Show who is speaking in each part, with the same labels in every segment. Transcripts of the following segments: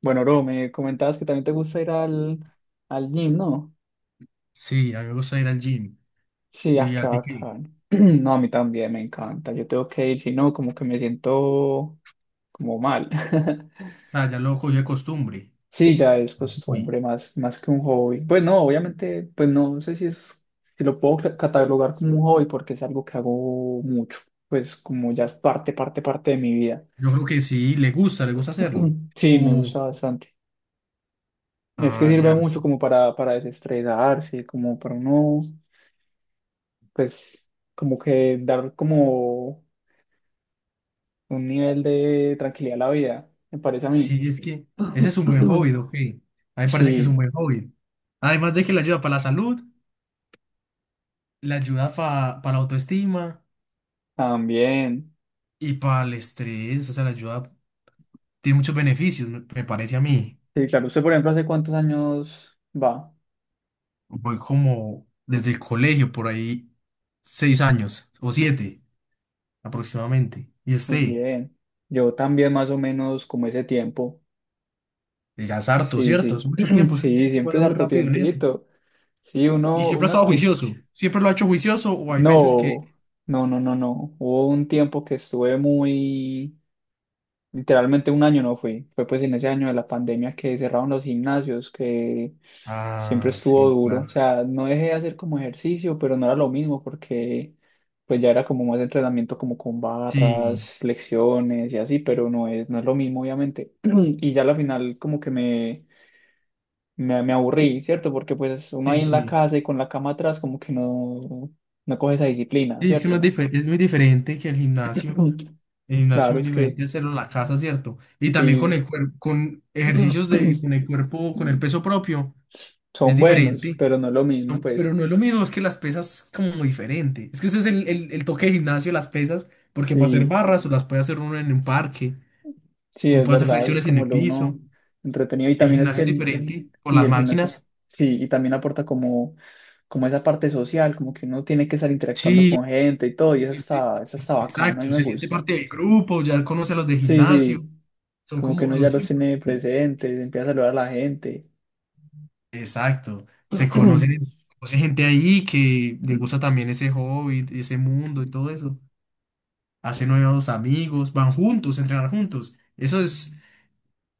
Speaker 1: Bueno, Ro, me comentabas que también te gusta ir al gym, ¿no?
Speaker 2: Sí, a mí me gusta ir al gym.
Speaker 1: Sí,
Speaker 2: ¿Y
Speaker 1: qué
Speaker 2: a ti qué?
Speaker 1: bacán. No, a mí también me encanta. Yo tengo que ir, si no, como que me siento como mal.
Speaker 2: O sea, ya lo cogió de costumbre.
Speaker 1: Sí, ya es
Speaker 2: Uy,
Speaker 1: costumbre más que un hobby. Pues no, obviamente, pues no sé si si lo puedo catalogar como un hobby porque es algo que hago mucho. Pues como ya es parte de mi vida.
Speaker 2: yo creo que sí, le gusta hacerlo.
Speaker 1: Sí, me
Speaker 2: O,
Speaker 1: gusta bastante. Es que
Speaker 2: ah,
Speaker 1: sirve
Speaker 2: ya,
Speaker 1: mucho
Speaker 2: sí.
Speaker 1: como para desestresarse, como para uno pues como que dar como un nivel de tranquilidad a la vida, me parece a mí.
Speaker 2: Sí, es que ese es un buen hobby, ok. A mí me parece que es un
Speaker 1: Sí,
Speaker 2: buen hobby. Además de que le ayuda para la salud, le ayuda para la autoestima
Speaker 1: también.
Speaker 2: y para el estrés, o sea, le ayuda, tiene muchos beneficios, me parece a mí.
Speaker 1: Sí, claro, usted por ejemplo, ¿hace cuántos años va?
Speaker 2: Voy como desde el colegio, por ahí, 6 años o 7 aproximadamente. ¿Y
Speaker 1: Muy
Speaker 2: usted?
Speaker 1: bien. Yo también más o menos como ese tiempo.
Speaker 2: Y ya es harto,
Speaker 1: Sí,
Speaker 2: ¿cierto? Es
Speaker 1: sí.
Speaker 2: mucho tiempo, es que el
Speaker 1: Sí,
Speaker 2: tiempo
Speaker 1: siempre
Speaker 2: pasa
Speaker 1: es
Speaker 2: muy
Speaker 1: harto
Speaker 2: rápido en eso.
Speaker 1: tiempito. Sí,
Speaker 2: Y
Speaker 1: uno,
Speaker 2: siempre ha
Speaker 1: uno al
Speaker 2: estado
Speaker 1: principio.
Speaker 2: juicioso, siempre lo ha hecho juicioso o hay veces
Speaker 1: No,
Speaker 2: que...
Speaker 1: no, no, no, no. Hubo un tiempo que estuve muy. Literalmente un año no fui. Fue pues en ese año de la pandemia que cerraron los gimnasios, que siempre
Speaker 2: Ah,
Speaker 1: estuvo
Speaker 2: sí,
Speaker 1: duro. O
Speaker 2: claro.
Speaker 1: sea, no dejé de hacer como ejercicio, pero no era lo mismo porque pues ya era como más entrenamiento como con
Speaker 2: Sí,
Speaker 1: barras, flexiones y así, pero no no es lo mismo obviamente. Y ya al final como que me aburrí, ¿cierto? Porque pues uno ahí
Speaker 2: sí,
Speaker 1: en la
Speaker 2: sí.
Speaker 1: casa y con la cama atrás como que no, no coge esa disciplina,
Speaker 2: Sí, es que no
Speaker 1: ¿cierto?
Speaker 2: es, es muy diferente que el gimnasio. El gimnasio es
Speaker 1: Claro,
Speaker 2: muy
Speaker 1: es que
Speaker 2: diferente hacerlo en la casa, ¿cierto? Y también con
Speaker 1: sí.
Speaker 2: el cuerpo, con ejercicios de, con el cuerpo, con el peso propio, es
Speaker 1: Son buenos,
Speaker 2: diferente.
Speaker 1: pero no es lo mismo,
Speaker 2: No,
Speaker 1: pues.
Speaker 2: pero no es lo mismo, es que las pesas como muy diferente. Es que ese es el toque de gimnasio, las pesas, porque para hacer
Speaker 1: Sí,
Speaker 2: barras o las puede hacer uno en un parque
Speaker 1: sí,
Speaker 2: o
Speaker 1: es
Speaker 2: puede hacer
Speaker 1: verdad, eso es
Speaker 2: flexiones en
Speaker 1: como
Speaker 2: el
Speaker 1: lo uno
Speaker 2: piso.
Speaker 1: entretenido. Y
Speaker 2: El
Speaker 1: también es
Speaker 2: gimnasio
Speaker 1: que
Speaker 2: es diferente con
Speaker 1: sí,
Speaker 2: las
Speaker 1: el gimnasio,
Speaker 2: máquinas.
Speaker 1: sí, y también aporta como, como esa parte social, como que uno tiene que estar interactuando
Speaker 2: Sí,
Speaker 1: con gente y todo, y eso
Speaker 2: siente-
Speaker 1: eso está bacano, a mí
Speaker 2: exacto,
Speaker 1: me
Speaker 2: se siente
Speaker 1: gusta.
Speaker 2: parte del grupo, ya conoce a los de
Speaker 1: Sí,
Speaker 2: gimnasio,
Speaker 1: sí,
Speaker 2: son
Speaker 1: como que
Speaker 2: como
Speaker 1: uno
Speaker 2: los
Speaker 1: ya los
Speaker 2: gym.
Speaker 1: tiene presentes, empieza a saludar a la gente.
Speaker 2: Exacto, se conocen, conoce gente ahí que le gusta también ese hobby, ese mundo y todo eso. Hace nuevos amigos, van juntos, a entrenar juntos. Eso es,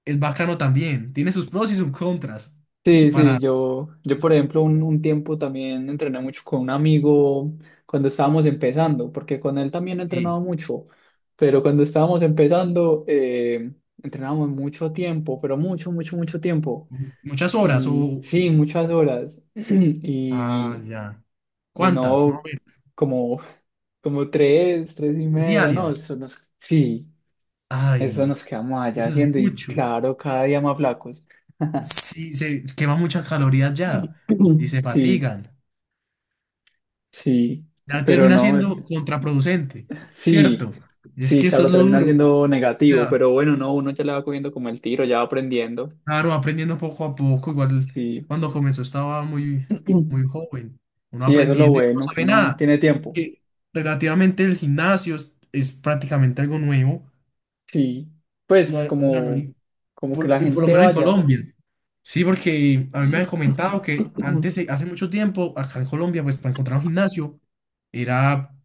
Speaker 2: es bacano también. Tiene sus pros y sus contras
Speaker 1: Sí, sí,
Speaker 2: para
Speaker 1: yo por ejemplo un tiempo también entrené mucho con un amigo cuando estábamos empezando, porque con él también he entrenado
Speaker 2: sí,
Speaker 1: mucho, pero cuando estábamos empezando entrenábamos mucho tiempo, pero mucho, mucho, mucho tiempo.
Speaker 2: muchas horas
Speaker 1: Y
Speaker 2: o...
Speaker 1: sí, muchas horas.
Speaker 2: Ah,
Speaker 1: Y,
Speaker 2: ya.
Speaker 1: y
Speaker 2: ¿Cuántas? Más o
Speaker 1: no
Speaker 2: menos,
Speaker 1: como, como tres y media, no,
Speaker 2: diarias.
Speaker 1: sí, eso
Speaker 2: Ay,
Speaker 1: nos quedamos allá
Speaker 2: eso es
Speaker 1: haciendo y
Speaker 2: mucho.
Speaker 1: claro, cada día más flacos.
Speaker 2: Sí, se quema muchas calorías ya y se
Speaker 1: Sí.
Speaker 2: fatigan.
Speaker 1: Sí,
Speaker 2: Ya
Speaker 1: pero
Speaker 2: termina
Speaker 1: no,
Speaker 2: siendo contraproducente, ¿cierto?
Speaker 1: sí,
Speaker 2: Es
Speaker 1: sí,
Speaker 2: que eso es
Speaker 1: claro,
Speaker 2: lo
Speaker 1: termina
Speaker 2: duro. O
Speaker 1: siendo negativo,
Speaker 2: sea,
Speaker 1: pero bueno, no, uno ya le va cogiendo como el tiro, ya va aprendiendo.
Speaker 2: claro, aprendiendo poco a poco, igual
Speaker 1: Sí,
Speaker 2: cuando comenzó estaba muy, muy joven, uno
Speaker 1: sí, eso es lo
Speaker 2: aprendiendo y no
Speaker 1: bueno, que
Speaker 2: sabe
Speaker 1: uno
Speaker 2: nada.
Speaker 1: tiene tiempo.
Speaker 2: Que relativamente el gimnasio es prácticamente algo nuevo.
Speaker 1: Sí,
Speaker 2: No, o
Speaker 1: pues
Speaker 2: sea, no
Speaker 1: como,
Speaker 2: hay-
Speaker 1: como que
Speaker 2: Por-
Speaker 1: la
Speaker 2: y por lo
Speaker 1: gente
Speaker 2: menos en
Speaker 1: vaya.
Speaker 2: Colombia. Sí, porque a mí me han comentado que antes, hace mucho tiempo, acá en Colombia, pues para encontrar un gimnasio era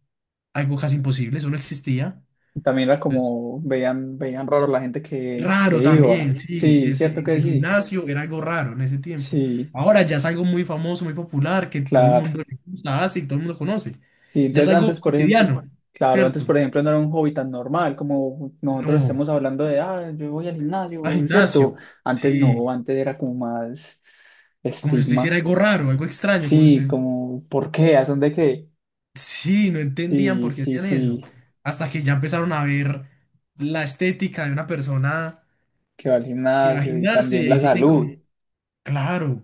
Speaker 2: algo casi imposible, eso no existía.
Speaker 1: También era como, veían raro la gente
Speaker 2: Raro
Speaker 1: que
Speaker 2: también,
Speaker 1: iba.
Speaker 2: sí,
Speaker 1: Sí,
Speaker 2: ese,
Speaker 1: cierto
Speaker 2: el
Speaker 1: que sí.
Speaker 2: gimnasio era algo raro en ese tiempo.
Speaker 1: Sí,
Speaker 2: Ahora ya es algo muy famoso, muy popular, que todo el
Speaker 1: claro.
Speaker 2: mundo le gusta, hace y todo el mundo conoce.
Speaker 1: Sí,
Speaker 2: Ya es
Speaker 1: entonces
Speaker 2: algo
Speaker 1: antes, por ejemplo,
Speaker 2: cotidiano,
Speaker 1: claro, antes,
Speaker 2: ¿cierto?
Speaker 1: por ejemplo, no era un hobby tan normal como nosotros
Speaker 2: No,
Speaker 1: estemos hablando de, ah, yo voy al
Speaker 2: al
Speaker 1: gimnasio, ¿cierto?
Speaker 2: gimnasio,
Speaker 1: Antes no,
Speaker 2: sí,
Speaker 1: antes era como más
Speaker 2: como si usted hiciera
Speaker 1: estigma.
Speaker 2: algo raro, algo extraño, como si
Speaker 1: Sí,
Speaker 2: usted.
Speaker 1: como, ¿por qué? ¿A dónde qué?
Speaker 2: Sí, no entendían
Speaker 1: Sí,
Speaker 2: por qué
Speaker 1: sí,
Speaker 2: hacían eso.
Speaker 1: sí,
Speaker 2: Hasta que ya empezaron a ver la estética de una persona
Speaker 1: que va al
Speaker 2: que va al
Speaker 1: gimnasio y
Speaker 2: gimnasio y
Speaker 1: también
Speaker 2: ahí
Speaker 1: la
Speaker 2: se dicen como,
Speaker 1: salud.
Speaker 2: claro,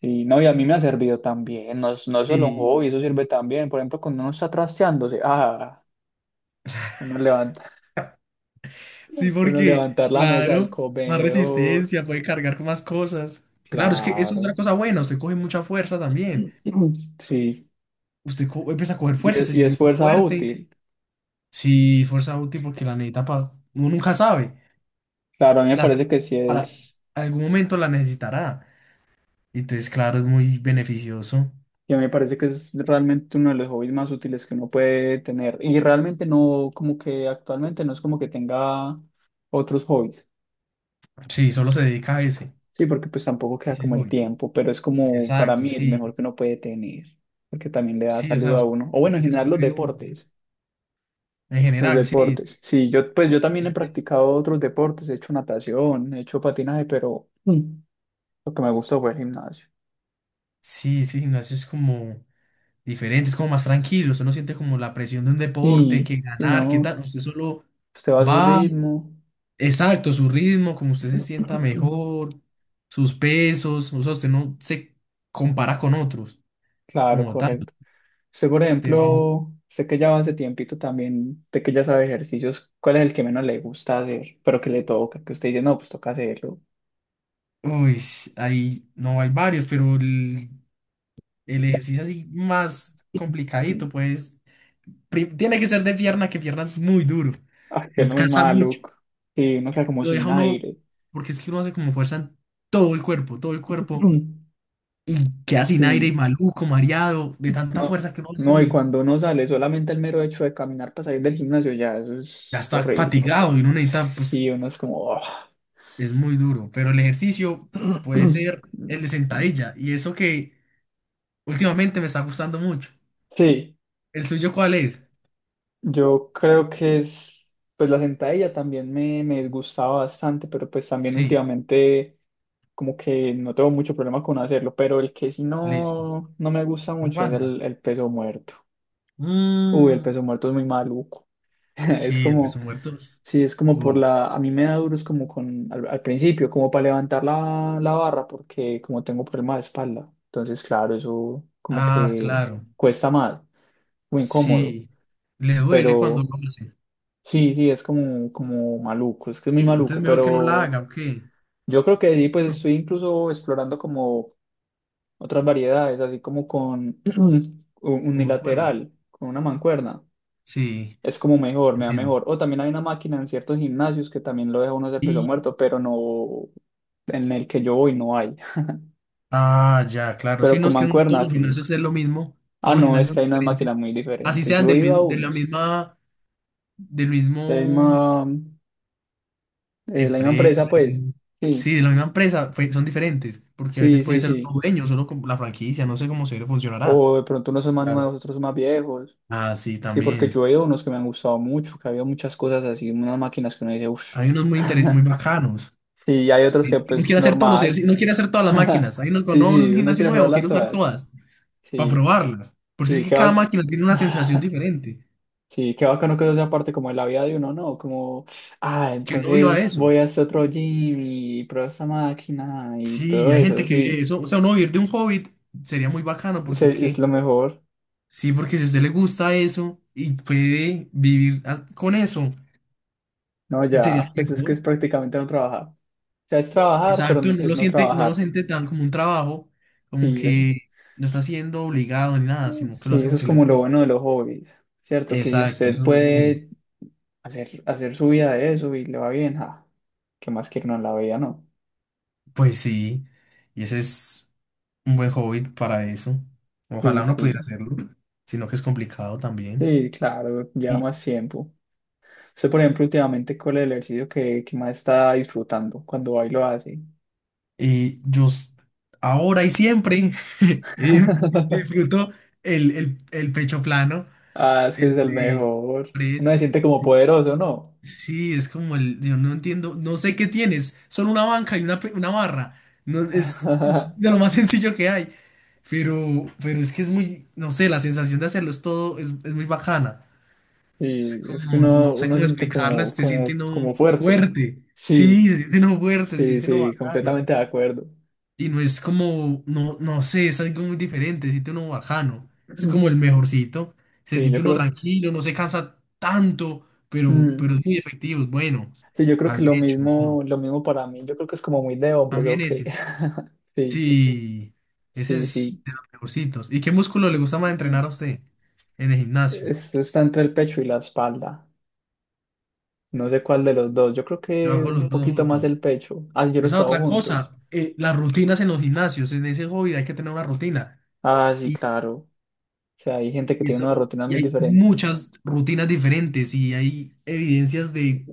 Speaker 1: Sí, no, y a mí me ha servido también, no no es solo un
Speaker 2: sí,
Speaker 1: hobby, eso sirve también. Por ejemplo, cuando uno está trasteándose, ah, uno levanta,
Speaker 2: sí,
Speaker 1: uno
Speaker 2: porque,
Speaker 1: levantar la mesa del
Speaker 2: claro, más
Speaker 1: comedor,
Speaker 2: resistencia, puede cargar con más cosas. Claro, es que eso es una
Speaker 1: claro.
Speaker 2: cosa buena, usted coge mucha fuerza también.
Speaker 1: Sí,
Speaker 2: Usted empieza a coger fuerza, se
Speaker 1: y es
Speaker 2: siente
Speaker 1: fuerza
Speaker 2: fuerte.
Speaker 1: útil.
Speaker 2: Sí, fuerza útil porque la necesita para... Uno nunca sabe.
Speaker 1: Claro, a mí me
Speaker 2: La,
Speaker 1: parece que sí
Speaker 2: para
Speaker 1: es,
Speaker 2: algún momento la necesitará. Entonces, claro, es muy beneficioso.
Speaker 1: y a mí me parece que es realmente uno de los hobbies más útiles que uno puede tener. Y realmente no, como que actualmente no es como que tenga otros hobbies.
Speaker 2: Sí, solo se dedica a ese,
Speaker 1: Sí, porque pues tampoco queda
Speaker 2: ese
Speaker 1: como el
Speaker 2: hobby.
Speaker 1: tiempo, pero es como para
Speaker 2: Exacto,
Speaker 1: mí el
Speaker 2: sí,
Speaker 1: mejor que uno puede tener, porque también le da
Speaker 2: sí, o
Speaker 1: salud
Speaker 2: sea,
Speaker 1: a uno. O bueno, en
Speaker 2: hay que
Speaker 1: general los
Speaker 2: escoger un,
Speaker 1: deportes.
Speaker 2: en
Speaker 1: Los
Speaker 2: general, sí,
Speaker 1: deportes. Sí, yo pues yo también he
Speaker 2: es- es-
Speaker 1: practicado otros deportes, he hecho natación, he hecho patinaje, pero mm, lo que me gusta fue el gimnasio.
Speaker 2: sí, sí, gimnasio es como diferente, es como más tranquilo, usted no siente como la presión de un deporte,
Speaker 1: Sí,
Speaker 2: que
Speaker 1: y
Speaker 2: ganar, que
Speaker 1: no,
Speaker 2: tal, usted solo
Speaker 1: usted va a su
Speaker 2: va,
Speaker 1: ritmo.
Speaker 2: exacto, su ritmo, como usted se sienta mejor, sus pesos, o sea, usted no se compara con otros,
Speaker 1: Claro,
Speaker 2: como tal,
Speaker 1: correcto. Usted, por
Speaker 2: usted va,
Speaker 1: ejemplo, usted que ya va hace tiempito también, de que ya sabe ejercicios, ¿cuál es el que menos le gusta hacer, pero que le toca? Que usted dice, no, pues toca hacerlo.
Speaker 2: uy, ahí, no, hay varios, pero el ejercicio así más
Speaker 1: Mm.
Speaker 2: complicadito, pues. Tiene que ser de pierna, que pierna es muy duro.
Speaker 1: Ay, que no muy
Speaker 2: Descansa mucho.
Speaker 1: maluco. Sí, uno queda como
Speaker 2: Lo deja
Speaker 1: sin
Speaker 2: uno,
Speaker 1: aire.
Speaker 2: porque es que uno hace como fuerza en todo el cuerpo, todo el cuerpo.
Speaker 1: Mm.
Speaker 2: Y queda sin aire y
Speaker 1: Sí,
Speaker 2: maluco, mareado, de tanta
Speaker 1: no,
Speaker 2: fuerza que uno hace
Speaker 1: no, y
Speaker 2: ahí.
Speaker 1: cuando uno sale, solamente el mero hecho de caminar para salir del gimnasio, ya, eso
Speaker 2: Ya
Speaker 1: es
Speaker 2: está
Speaker 1: horrible.
Speaker 2: fatigado y uno necesita,
Speaker 1: Sí
Speaker 2: pues,
Speaker 1: uno es como, "Oh".
Speaker 2: es muy duro. Pero el ejercicio puede ser el de sentadilla. Y eso que últimamente me está gustando mucho.
Speaker 1: Sí,
Speaker 2: ¿El suyo cuál es?
Speaker 1: yo creo que es, pues la sentadilla también me disgustaba bastante, pero pues también
Speaker 2: Sí,
Speaker 1: últimamente como que no tengo mucho problema con hacerlo, pero el que sí
Speaker 2: listo.
Speaker 1: no, no me gusta mucho es
Speaker 2: Aguanta.
Speaker 1: el peso muerto. Uy, el
Speaker 2: Mm.
Speaker 1: peso muerto es muy maluco. Es
Speaker 2: Sí, el
Speaker 1: como,
Speaker 2: peso muerto es
Speaker 1: sí, es como por
Speaker 2: duro.
Speaker 1: la, a mí me da duro es como con, al principio, como para levantar la barra, porque como tengo problema de espalda, entonces claro, eso como
Speaker 2: Ah,
Speaker 1: que
Speaker 2: claro.
Speaker 1: cuesta más, muy incómodo,
Speaker 2: Sí. Le duele cuando
Speaker 1: pero...
Speaker 2: lo hace.
Speaker 1: Sí, sí, es como, como maluco, es que es muy maluco,
Speaker 2: Entonces mejor que no la
Speaker 1: pero
Speaker 2: haga, ¿o qué?
Speaker 1: yo creo que ahí pues
Speaker 2: No,
Speaker 1: estoy incluso explorando como otras variedades, así como con
Speaker 2: como en cuerna.
Speaker 1: unilateral, con una mancuerna,
Speaker 2: Sí,
Speaker 1: es como mejor, me da
Speaker 2: entiendo.
Speaker 1: mejor. O también hay una máquina en ciertos gimnasios que también lo deja uno de peso
Speaker 2: Y,
Speaker 1: muerto, pero no, en el que yo voy no hay,
Speaker 2: ah, ya, claro. Sí,
Speaker 1: pero
Speaker 2: no
Speaker 1: con
Speaker 2: es que no todos
Speaker 1: mancuerna
Speaker 2: los
Speaker 1: sí.
Speaker 2: gimnasios es lo mismo.
Speaker 1: Ah,
Speaker 2: Todos los
Speaker 1: no, es
Speaker 2: gimnasios son
Speaker 1: que hay unas máquinas
Speaker 2: diferentes.
Speaker 1: muy
Speaker 2: Así
Speaker 1: diferentes,
Speaker 2: sean
Speaker 1: yo he
Speaker 2: del
Speaker 1: ido a
Speaker 2: mismo, de la
Speaker 1: unos,
Speaker 2: misma, del
Speaker 1: de la
Speaker 2: mismo
Speaker 1: misma, de la misma
Speaker 2: empresa.
Speaker 1: empresa pues, sí,
Speaker 2: Sí, de la misma empresa, son diferentes. Porque a veces puede ser otro
Speaker 1: sí.
Speaker 2: dueño, solo con la franquicia, no sé cómo se funcionará.
Speaker 1: O de pronto unos son más
Speaker 2: Claro.
Speaker 1: nuevos, otros son más viejos.
Speaker 2: Ah, sí,
Speaker 1: Sí, porque
Speaker 2: también.
Speaker 1: yo veo unos que me han gustado mucho, que había muchas cosas así, unas máquinas que uno dice, uff.
Speaker 2: Hay unos muy bacanos.
Speaker 1: Sí, hay otros que
Speaker 2: No
Speaker 1: pues
Speaker 2: quiere hacer todos los
Speaker 1: normal.
Speaker 2: ejercicios, no quiere hacer todas las máquinas. Hay unos
Speaker 1: Sí,
Speaker 2: cuando no, un
Speaker 1: sí, uno
Speaker 2: gimnasio
Speaker 1: quiere
Speaker 2: nuevo,
Speaker 1: probarlas
Speaker 2: quiero usar
Speaker 1: todas.
Speaker 2: todas para
Speaker 1: Sí,
Speaker 2: probarlas. Por si es
Speaker 1: sí,
Speaker 2: que
Speaker 1: qué
Speaker 2: cada
Speaker 1: va.
Speaker 2: máquina tiene una sensación diferente.
Speaker 1: Sí, qué bacano que eso sea parte como de la vida de uno, ¿no? Como, ah,
Speaker 2: Que uno viva
Speaker 1: entonces
Speaker 2: eso.
Speaker 1: voy a este otro gym y pruebo esta máquina y todo
Speaker 2: Sí, hay gente
Speaker 1: eso,
Speaker 2: que vive
Speaker 1: sí.
Speaker 2: eso. O sea, uno vivir de un hobbit sería muy bacano porque es
Speaker 1: Es
Speaker 2: que,
Speaker 1: lo mejor.
Speaker 2: sí, porque si a usted le gusta eso y puede vivir con eso,
Speaker 1: No,
Speaker 2: sería
Speaker 1: ya,
Speaker 2: lo
Speaker 1: pues es que
Speaker 2: mejor.
Speaker 1: es prácticamente no trabajar. O sea, es trabajar, pero
Speaker 2: Exacto, no
Speaker 1: es
Speaker 2: lo
Speaker 1: no
Speaker 2: siente, no lo
Speaker 1: trabajar.
Speaker 2: siente tan como un trabajo, como
Speaker 1: Sí, eso,
Speaker 2: que no está siendo obligado ni nada, sino que lo
Speaker 1: sí,
Speaker 2: hace
Speaker 1: eso es
Speaker 2: porque le
Speaker 1: como lo
Speaker 2: gusta.
Speaker 1: bueno de los hobbies, ¿cierto? Que si
Speaker 2: Exacto, eso
Speaker 1: usted
Speaker 2: es muy bueno.
Speaker 1: puede hacer su vida de eso y le va bien, ja, ¿qué más quiere uno en la vida, no?
Speaker 2: Pues sí, y ese es un buen hobby para eso.
Speaker 1: Sí,
Speaker 2: Ojalá uno pudiera
Speaker 1: sí,
Speaker 2: hacerlo, sino que es complicado también.
Speaker 1: sí, claro, lleva
Speaker 2: Y,
Speaker 1: más tiempo. Usted, por ejemplo, últimamente, ¿cuál es el ejercicio que más está disfrutando cuando va y lo hace?
Speaker 2: y ahora y siempre eh, disfruto el pecho plano,
Speaker 1: Ah, es que
Speaker 2: el
Speaker 1: es el
Speaker 2: de
Speaker 1: mejor. Uno
Speaker 2: press.
Speaker 1: se siente como poderoso, ¿no?
Speaker 2: Sí, es como el, yo no entiendo, no sé qué tienes, solo una banca y una barra. No, es de lo más sencillo que hay. Pero es que es muy, no sé, la sensación de hacerlo es todo, es muy bacana. Es
Speaker 1: Y es que
Speaker 2: como, no sé
Speaker 1: uno
Speaker 2: cómo
Speaker 1: siente
Speaker 2: explicarles, te siente
Speaker 1: como
Speaker 2: uno
Speaker 1: fuerte.
Speaker 2: fuerte. Sí,
Speaker 1: Sí,
Speaker 2: se siente uno fuerte, se
Speaker 1: sí,
Speaker 2: siente uno
Speaker 1: sí,
Speaker 2: bacano.
Speaker 1: completamente de acuerdo.
Speaker 2: Y no es como, no, no sé, es algo muy diferente, se siente uno bacano. Es como el mejorcito. Se
Speaker 1: Sí, yo
Speaker 2: siente uno
Speaker 1: creo,
Speaker 2: tranquilo, no se cansa tanto, pero,
Speaker 1: mm,
Speaker 2: pero es muy efectivo, es bueno.
Speaker 1: sí, yo creo
Speaker 2: Para
Speaker 1: que
Speaker 2: el pecho, ¿no?
Speaker 1: lo mismo para mí. Yo creo que es como muy de hombres,
Speaker 2: También
Speaker 1: ok.
Speaker 2: ese.
Speaker 1: Sí,
Speaker 2: Sí, ese
Speaker 1: sí,
Speaker 2: es
Speaker 1: sí.
Speaker 2: de los mejorcitos. ¿Y qué músculo le gusta más entrenar a usted en el gimnasio?
Speaker 1: Esto está entre el pecho y la espalda. No sé cuál de los dos. Yo creo
Speaker 2: Yo
Speaker 1: que
Speaker 2: hago
Speaker 1: un
Speaker 2: los dos
Speaker 1: poquito más
Speaker 2: juntos.
Speaker 1: el pecho. Ah, yo los
Speaker 2: Esa es
Speaker 1: trabajo
Speaker 2: otra cosa,
Speaker 1: juntos.
Speaker 2: las rutinas en los gimnasios, en ese hobby hay que tener una rutina.
Speaker 1: Ah, sí,
Speaker 2: Y,
Speaker 1: claro. O sea, hay gente que tiene unas
Speaker 2: eso,
Speaker 1: rutinas
Speaker 2: y
Speaker 1: muy
Speaker 2: hay
Speaker 1: diferentes.
Speaker 2: muchas rutinas diferentes y hay evidencias de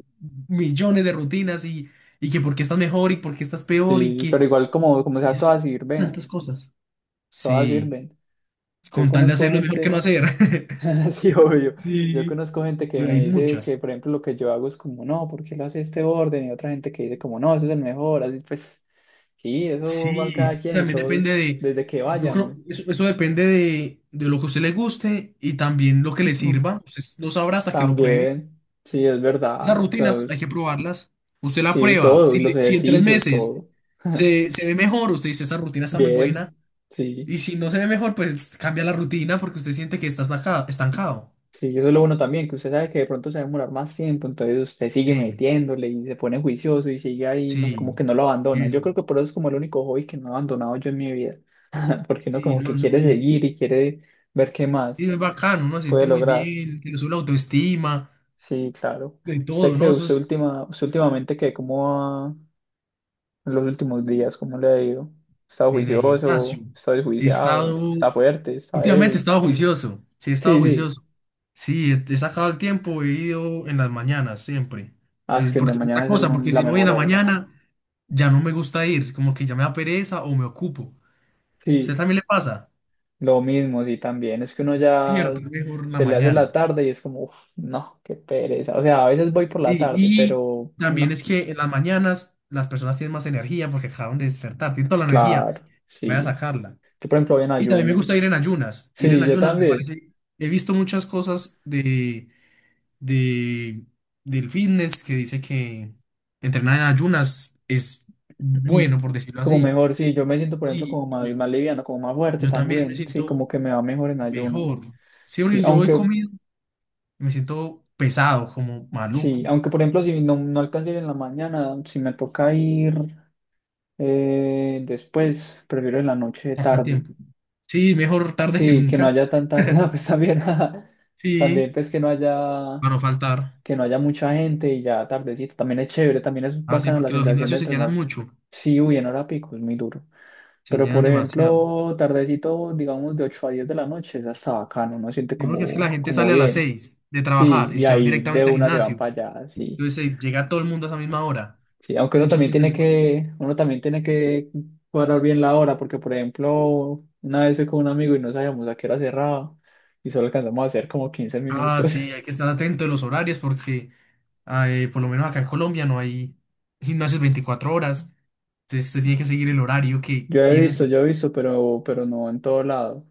Speaker 2: millones de rutinas y que por qué estás mejor y por qué estás peor y
Speaker 1: Sí, pero
Speaker 2: que
Speaker 1: igual como, como
Speaker 2: y
Speaker 1: sea,
Speaker 2: eso, y
Speaker 1: todas
Speaker 2: tantas
Speaker 1: sirven.
Speaker 2: cosas.
Speaker 1: Todas
Speaker 2: Sí,
Speaker 1: sirven. Yo
Speaker 2: con tal de
Speaker 1: conozco
Speaker 2: hacer lo mejor que no
Speaker 1: gente,
Speaker 2: hacer.
Speaker 1: sí, obvio, yo
Speaker 2: Sí,
Speaker 1: conozco gente que
Speaker 2: pero hay
Speaker 1: me dice
Speaker 2: muchas.
Speaker 1: que, por ejemplo, lo que yo hago es como, no, ¿por qué lo hace este orden? Y otra gente que dice como, no, eso es el mejor, así pues, sí, eso van
Speaker 2: Sí,
Speaker 1: cada
Speaker 2: sí,
Speaker 1: quien y
Speaker 2: también depende
Speaker 1: todos
Speaker 2: de,
Speaker 1: desde que
Speaker 2: yo creo,
Speaker 1: vayan.
Speaker 2: eso depende de lo que a usted le guste y también lo que le sirva. Usted no sabrá hasta que lo pruebe.
Speaker 1: También, sí, es
Speaker 2: Esas
Speaker 1: verdad, o sea,
Speaker 2: rutinas hay
Speaker 1: es-
Speaker 2: que probarlas. Usted la
Speaker 1: sí,
Speaker 2: prueba.
Speaker 1: todo,
Speaker 2: Si,
Speaker 1: y los
Speaker 2: le- si en 3
Speaker 1: ejercicios,
Speaker 2: meses
Speaker 1: todo.
Speaker 2: se ve mejor, usted dice, esa rutina está muy buena.
Speaker 1: Bien, sí.
Speaker 2: Y si no se ve mejor, pues cambia la rutina porque usted siente que está estancado estancado.
Speaker 1: Sí, eso es lo bueno también, que usted sabe que de pronto se va a demorar más tiempo, entonces usted sigue
Speaker 2: Sí,
Speaker 1: metiéndole y se pone juicioso y sigue ahí, no, como
Speaker 2: sí,
Speaker 1: que no lo abandona.
Speaker 2: eso.
Speaker 1: Yo creo que por eso es como el único hobby que no he abandonado yo en mi vida, porque uno
Speaker 2: Sí,
Speaker 1: como
Speaker 2: no,
Speaker 1: que
Speaker 2: es
Speaker 1: quiere
Speaker 2: muy,
Speaker 1: seguir y quiere ver qué más
Speaker 2: sí, es bacano, uno se
Speaker 1: puede
Speaker 2: siente muy
Speaker 1: lograr.
Speaker 2: bien, que le sube la autoestima,
Speaker 1: Sí, claro.
Speaker 2: de
Speaker 1: Usted
Speaker 2: todo,
Speaker 1: que
Speaker 2: ¿no? Eso es
Speaker 1: usted últimamente que cómo va en los últimos días, ¿cómo le ha ido? ¿Está
Speaker 2: en el gimnasio.
Speaker 1: juicioso? ¿Está
Speaker 2: He
Speaker 1: desjuiciado?
Speaker 2: estado,
Speaker 1: ¿Está fuerte? ¿Está
Speaker 2: Últimamente he
Speaker 1: débil?
Speaker 2: estado juicioso, sí, he estado
Speaker 1: Sí, sí.
Speaker 2: juicioso. Sí, he sacado el tiempo, he ido en las mañanas siempre.
Speaker 1: Ah, es
Speaker 2: Es
Speaker 1: que en la
Speaker 2: porque, otra
Speaker 1: mañana es
Speaker 2: cosa, porque
Speaker 1: la
Speaker 2: si no voy en
Speaker 1: mejor
Speaker 2: la
Speaker 1: hora.
Speaker 2: mañana, ya no me gusta ir, como que ya me da pereza o me ocupo. ¿A usted
Speaker 1: Sí.
Speaker 2: también le pasa?
Speaker 1: Lo mismo, sí, también. Es que uno ya
Speaker 2: Cierto, es mejor la
Speaker 1: se le hace la
Speaker 2: mañana.
Speaker 1: tarde y es como, uff, no, qué pereza. O sea, a veces voy por la
Speaker 2: Y,
Speaker 1: tarde,
Speaker 2: y
Speaker 1: pero
Speaker 2: también
Speaker 1: no,
Speaker 2: es que en las mañanas las personas tienen más energía porque acaban de despertar, tienen toda la energía,
Speaker 1: claro,
Speaker 2: voy a
Speaker 1: sí.
Speaker 2: sacarla.
Speaker 1: Yo, por ejemplo, voy en
Speaker 2: Y también me
Speaker 1: ayunas.
Speaker 2: gusta ir en
Speaker 1: Sí, yo
Speaker 2: ayunas me
Speaker 1: también.
Speaker 2: parece, he visto muchas cosas de, del fitness que dice que entrenar en ayunas es bueno, por
Speaker 1: Es
Speaker 2: decirlo
Speaker 1: como
Speaker 2: así.
Speaker 1: mejor, sí. Yo me siento, por ejemplo,
Speaker 2: Sí,
Speaker 1: como más,
Speaker 2: y
Speaker 1: más liviano, como más fuerte
Speaker 2: yo también me
Speaker 1: también. Sí,
Speaker 2: siento
Speaker 1: como que me va mejor en ayunas.
Speaker 2: mejor. Sí,
Speaker 1: Sí,
Speaker 2: porque yo voy
Speaker 1: aunque,
Speaker 2: comido y me siento pesado, como
Speaker 1: sí,
Speaker 2: maluco.
Speaker 1: aunque, por ejemplo, si no, no alcanzo a ir en la mañana, si me toca ir después, prefiero en la noche
Speaker 2: Saca
Speaker 1: tarde.
Speaker 2: tiempo. Sí, mejor tarde que
Speaker 1: Sí, que no
Speaker 2: nunca.
Speaker 1: haya tanta, no, pues también, también
Speaker 2: Sí,
Speaker 1: pues
Speaker 2: para no faltar.
Speaker 1: que no haya mucha gente y ya tardecito, también es chévere, también es
Speaker 2: Así,
Speaker 1: bacana la
Speaker 2: porque los
Speaker 1: sensación de
Speaker 2: gimnasios se llenan
Speaker 1: entrenar,
Speaker 2: mucho,
Speaker 1: sí, uy, en hora pico, es muy duro,
Speaker 2: se
Speaker 1: pero
Speaker 2: llenan
Speaker 1: por
Speaker 2: demasiado.
Speaker 1: ejemplo, tardecito, digamos de 8 a 10 de la noche, es hasta bacano, uno siente
Speaker 2: Y porque es que la
Speaker 1: como,
Speaker 2: gente
Speaker 1: como
Speaker 2: sale a las
Speaker 1: bien,
Speaker 2: 6 de
Speaker 1: sí,
Speaker 2: trabajar y
Speaker 1: y
Speaker 2: se van
Speaker 1: ahí de
Speaker 2: directamente al
Speaker 1: una se van
Speaker 2: gimnasio.
Speaker 1: para allá, sí.
Speaker 2: Entonces llega todo el mundo a esa misma hora.
Speaker 1: Sí, aunque uno
Speaker 2: Muchos
Speaker 1: también
Speaker 2: piensan
Speaker 1: tiene
Speaker 2: igual.
Speaker 1: que, uno también tiene que cuadrar bien la hora, porque por ejemplo, una vez fui con un amigo y no sabíamos a qué hora cerraba y solo alcanzamos a hacer como 15
Speaker 2: Ah,
Speaker 1: minutos.
Speaker 2: sí, hay que estar atento de los horarios porque por lo menos acá en Colombia no hay gimnasios 24 horas. Entonces usted tiene que seguir el horario que
Speaker 1: Yo he
Speaker 2: tiene
Speaker 1: visto,
Speaker 2: este.
Speaker 1: yo he visto, pero no en todo lado.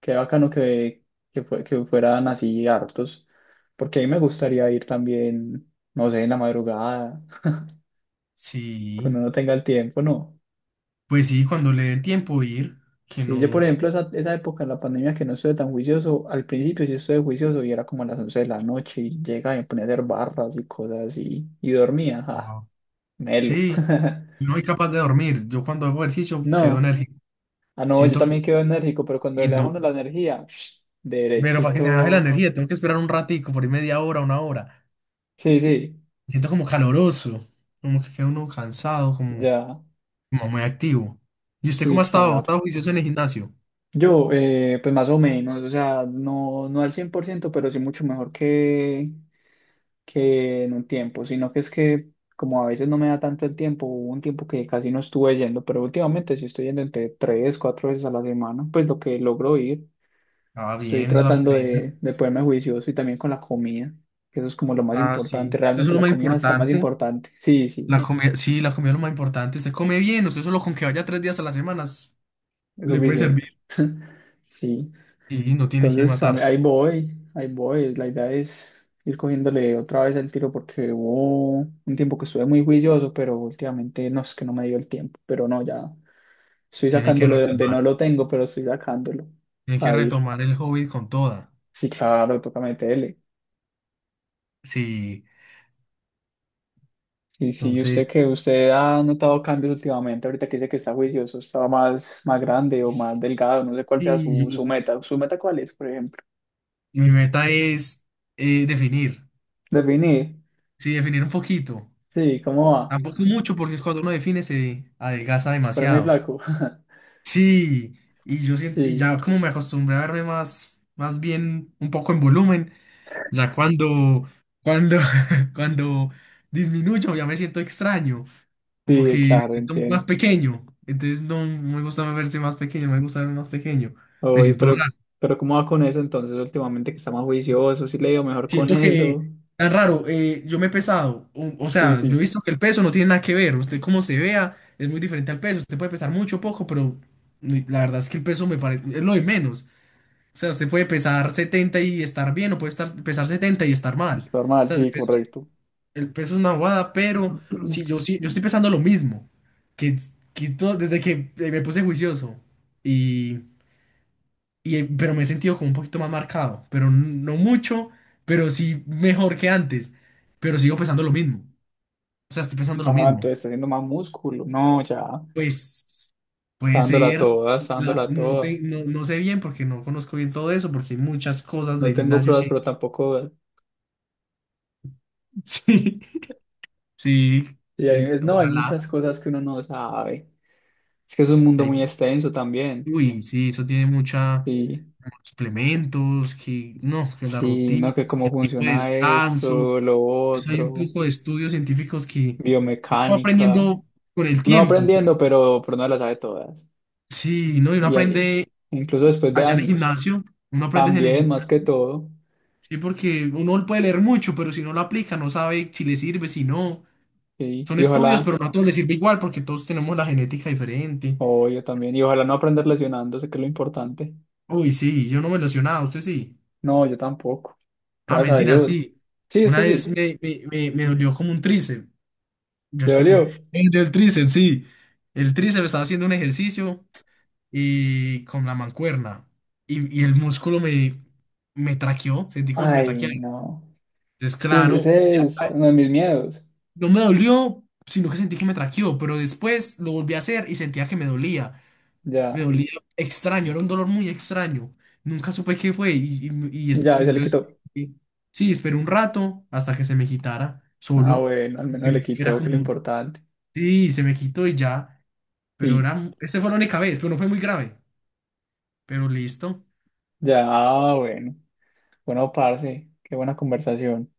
Speaker 1: Qué bacano que fueran así hartos, porque a mí me gustaría ir también, no sé, en la madrugada,
Speaker 2: Sí,
Speaker 1: cuando uno tenga el tiempo, ¿no?
Speaker 2: pues sí, cuando le dé el tiempo ir, que
Speaker 1: Sí, yo por
Speaker 2: no.
Speaker 1: ejemplo esa época en la pandemia que no estuve tan juicioso, al principio sí estuve juicioso y era como a las 11 de la noche y llegaba y me ponía a hacer barras y cosas así y dormía, ah,
Speaker 2: Wow.
Speaker 1: melo.
Speaker 2: Sí, yo no soy capaz de dormir. Yo cuando hago ejercicio quedo
Speaker 1: No,
Speaker 2: energía.
Speaker 1: ah no, yo
Speaker 2: Siento que
Speaker 1: también quedo enérgico, pero cuando
Speaker 2: y
Speaker 1: le bajo
Speaker 2: no,
Speaker 1: uno la energía,
Speaker 2: pero para que se me baje la
Speaker 1: derechito.
Speaker 2: energía tengo que esperar un ratico, por ahí media hora, una hora.
Speaker 1: Sí, sí,
Speaker 2: Siento como caloroso, como que queda uno cansado, como
Speaker 1: ya,
Speaker 2: como muy activo. ¿Y usted
Speaker 1: sí,
Speaker 2: cómo ha estado? ¿Ha
Speaker 1: claro.
Speaker 2: estado juicioso en el gimnasio?
Speaker 1: Yo, pues más o menos, o sea, no, no al 100%, pero sí mucho mejor que en un tiempo, sino que es que como a veces no me da tanto el tiempo, hubo un tiempo que casi no estuve yendo, pero últimamente sí estoy yendo entre 3, 4 veces a la semana, pues lo que logro ir,
Speaker 2: Ah,
Speaker 1: estoy
Speaker 2: bien, eso
Speaker 1: tratando
Speaker 2: apenas.
Speaker 1: de ponerme juicioso y también con la comida, que eso es como lo más
Speaker 2: Ah,
Speaker 1: importante,
Speaker 2: sí. Eso es
Speaker 1: realmente
Speaker 2: lo
Speaker 1: la
Speaker 2: más
Speaker 1: comida está más
Speaker 2: importante.
Speaker 1: importante, sí, sí,
Speaker 2: La comida, sí, la comida es lo más importante. Usted come bien, usted solo con que vaya 3 días a la semana
Speaker 1: es
Speaker 2: le puede
Speaker 1: suficiente,
Speaker 2: servir.
Speaker 1: sí.
Speaker 2: Y no tiene que
Speaker 1: Entonces,
Speaker 2: matarse,
Speaker 1: ahí voy, ahí voy. La idea es ir cogiéndole otra vez el tiro porque hubo un tiempo que estuve muy juicioso, pero últimamente no es que no me dio el tiempo. Pero no, ya estoy
Speaker 2: tiene que
Speaker 1: sacándolo de donde
Speaker 2: retomar.
Speaker 1: no lo tengo, pero estoy sacándolo
Speaker 2: Tiene que
Speaker 1: a ir.
Speaker 2: retomar el hobby con toda.
Speaker 1: Sí, claro, toca meterle.
Speaker 2: Sí,
Speaker 1: Y sí, usted
Speaker 2: entonces,
Speaker 1: que usted ha notado cambios últimamente, ahorita que dice que está juicioso, estaba más grande o más delgado, no sé cuál sea
Speaker 2: sí,
Speaker 1: su meta. ¿Su meta cuál es, por ejemplo?
Speaker 2: y mi meta es definir.
Speaker 1: Definir.
Speaker 2: Sí, definir un poquito.
Speaker 1: Sí, ¿cómo va?
Speaker 2: Tampoco mucho, porque cuando uno define se adelgaza
Speaker 1: Pero muy
Speaker 2: demasiado.
Speaker 1: flaco.
Speaker 2: Sí, y yo siento, y
Speaker 1: Sí.
Speaker 2: ya como me acostumbré a verme más, más bien un poco en volumen, ya cuando, cuando, cuando disminuyo ya me siento extraño, como que
Speaker 1: Sí,
Speaker 2: me
Speaker 1: claro,
Speaker 2: siento más
Speaker 1: entiendo.
Speaker 2: pequeño, entonces no me gusta verse más pequeño, me gusta verme más pequeño, me
Speaker 1: Oye,
Speaker 2: siento
Speaker 1: pero,
Speaker 2: raro,
Speaker 1: pero ¿cómo va con eso entonces últimamente que está más juicioso? ¿Sí le ha ido mejor con
Speaker 2: siento
Speaker 1: eso?
Speaker 2: que tan raro, yo me he pesado, o
Speaker 1: Sí,
Speaker 2: sea, yo he
Speaker 1: sí,
Speaker 2: visto que el peso no tiene nada que ver, usted cómo se vea es muy diferente al peso, usted puede pesar mucho o poco, pero la verdad es que el peso me parece, es lo de menos. O sea, usted puede pesar 70 y estar bien, o puede estar, pesar 70 y estar mal.
Speaker 1: es
Speaker 2: O
Speaker 1: normal,
Speaker 2: sea,
Speaker 1: sí, correcto.
Speaker 2: el peso es una bobada, pero si yo, sí yo estoy pesando lo mismo, que, que desde que me puse juicioso, y, pero me he sentido como un poquito más marcado, pero no mucho, pero sí mejor que antes, pero sigo pesando lo mismo. O sea, estoy pesando lo
Speaker 1: Ah,
Speaker 2: mismo.
Speaker 1: entonces está haciendo más músculo. No, ya.
Speaker 2: Pues
Speaker 1: Está
Speaker 2: puede
Speaker 1: dándola
Speaker 2: ser,
Speaker 1: toda, está dándola
Speaker 2: no,
Speaker 1: toda.
Speaker 2: no, no sé bien porque no conozco bien todo eso, porque hay muchas cosas
Speaker 1: No
Speaker 2: del
Speaker 1: tengo
Speaker 2: gimnasio
Speaker 1: pruebas,
Speaker 2: que...
Speaker 1: pero tampoco.
Speaker 2: sí. Sí,
Speaker 1: Y no, hay muchas
Speaker 2: ojalá.
Speaker 1: cosas que uno no sabe. Es que es un mundo muy
Speaker 2: Ahí-
Speaker 1: extenso también.
Speaker 2: Uy, sí, eso tiene mucha
Speaker 1: Sí,
Speaker 2: muchos suplementos, que no, que las
Speaker 1: sí, no,
Speaker 2: rutinas,
Speaker 1: que
Speaker 2: que
Speaker 1: cómo
Speaker 2: el tipo de
Speaker 1: funciona
Speaker 2: descanso.
Speaker 1: eso, lo
Speaker 2: Eso hay un
Speaker 1: otro,
Speaker 2: poco de estudios científicos que uno va
Speaker 1: biomecánica.
Speaker 2: aprendiendo con el
Speaker 1: Uno va
Speaker 2: tiempo.
Speaker 1: aprendiendo,
Speaker 2: Pero,
Speaker 1: pero no las sabe todas.
Speaker 2: sí, ¿no? Y uno
Speaker 1: Y ahí,
Speaker 2: aprende
Speaker 1: incluso después de
Speaker 2: allá en el
Speaker 1: años,
Speaker 2: gimnasio, uno aprende en el
Speaker 1: también, más que
Speaker 2: gimnasio.
Speaker 1: todo.
Speaker 2: Sí, porque uno puede leer mucho, pero si no lo aplica, no sabe si le sirve, si no.
Speaker 1: Y,
Speaker 2: Son
Speaker 1: y
Speaker 2: estudios,
Speaker 1: ojalá,
Speaker 2: pero no a todos les sirve igual porque todos tenemos la genética diferente.
Speaker 1: o yo también, y ojalá no aprender lesionándose, que es lo importante.
Speaker 2: Uy, sí, yo no me lesionaba, usted sí.
Speaker 1: No, yo tampoco.
Speaker 2: Ah,
Speaker 1: Gracias a
Speaker 2: mentira,
Speaker 1: Dios.
Speaker 2: sí.
Speaker 1: Sí,
Speaker 2: Una
Speaker 1: está
Speaker 2: vez
Speaker 1: sí.
Speaker 2: me dolió como un tríceps. Yo
Speaker 1: ¿Le
Speaker 2: es que me
Speaker 1: dolió?
Speaker 2: me dolió el tríceps, sí. El tríceps estaba haciendo un ejercicio y con la mancuerna. Y el músculo me traqueó. Sentí como si me
Speaker 1: Ay,
Speaker 2: traqueara.
Speaker 1: no.
Speaker 2: Entonces,
Speaker 1: Ese
Speaker 2: claro, ya,
Speaker 1: ese es
Speaker 2: ah,
Speaker 1: uno de mis miedos.
Speaker 2: no me dolió, sino que sentí que me traqueó. Pero después lo volví a hacer y sentía que me dolía. Me
Speaker 1: Ya,
Speaker 2: dolía extraño, era un dolor muy extraño. Nunca supe qué fue y, y- y es-
Speaker 1: ya,
Speaker 2: y
Speaker 1: ya le
Speaker 2: entonces,
Speaker 1: quitó.
Speaker 2: eh, sí, esperé un rato hasta que se me quitara
Speaker 1: Ah,
Speaker 2: solo.
Speaker 1: bueno, al menos le
Speaker 2: Porque era
Speaker 1: quitó, que
Speaker 2: vale.
Speaker 1: es lo
Speaker 2: Como,
Speaker 1: importante.
Speaker 2: sí, se me quitó y ya, pero
Speaker 1: Y
Speaker 2: era, esa fue la única vez, pero no fue muy grave, pero listo.
Speaker 1: ya, ah, bueno. Bueno, parce, qué buena conversación.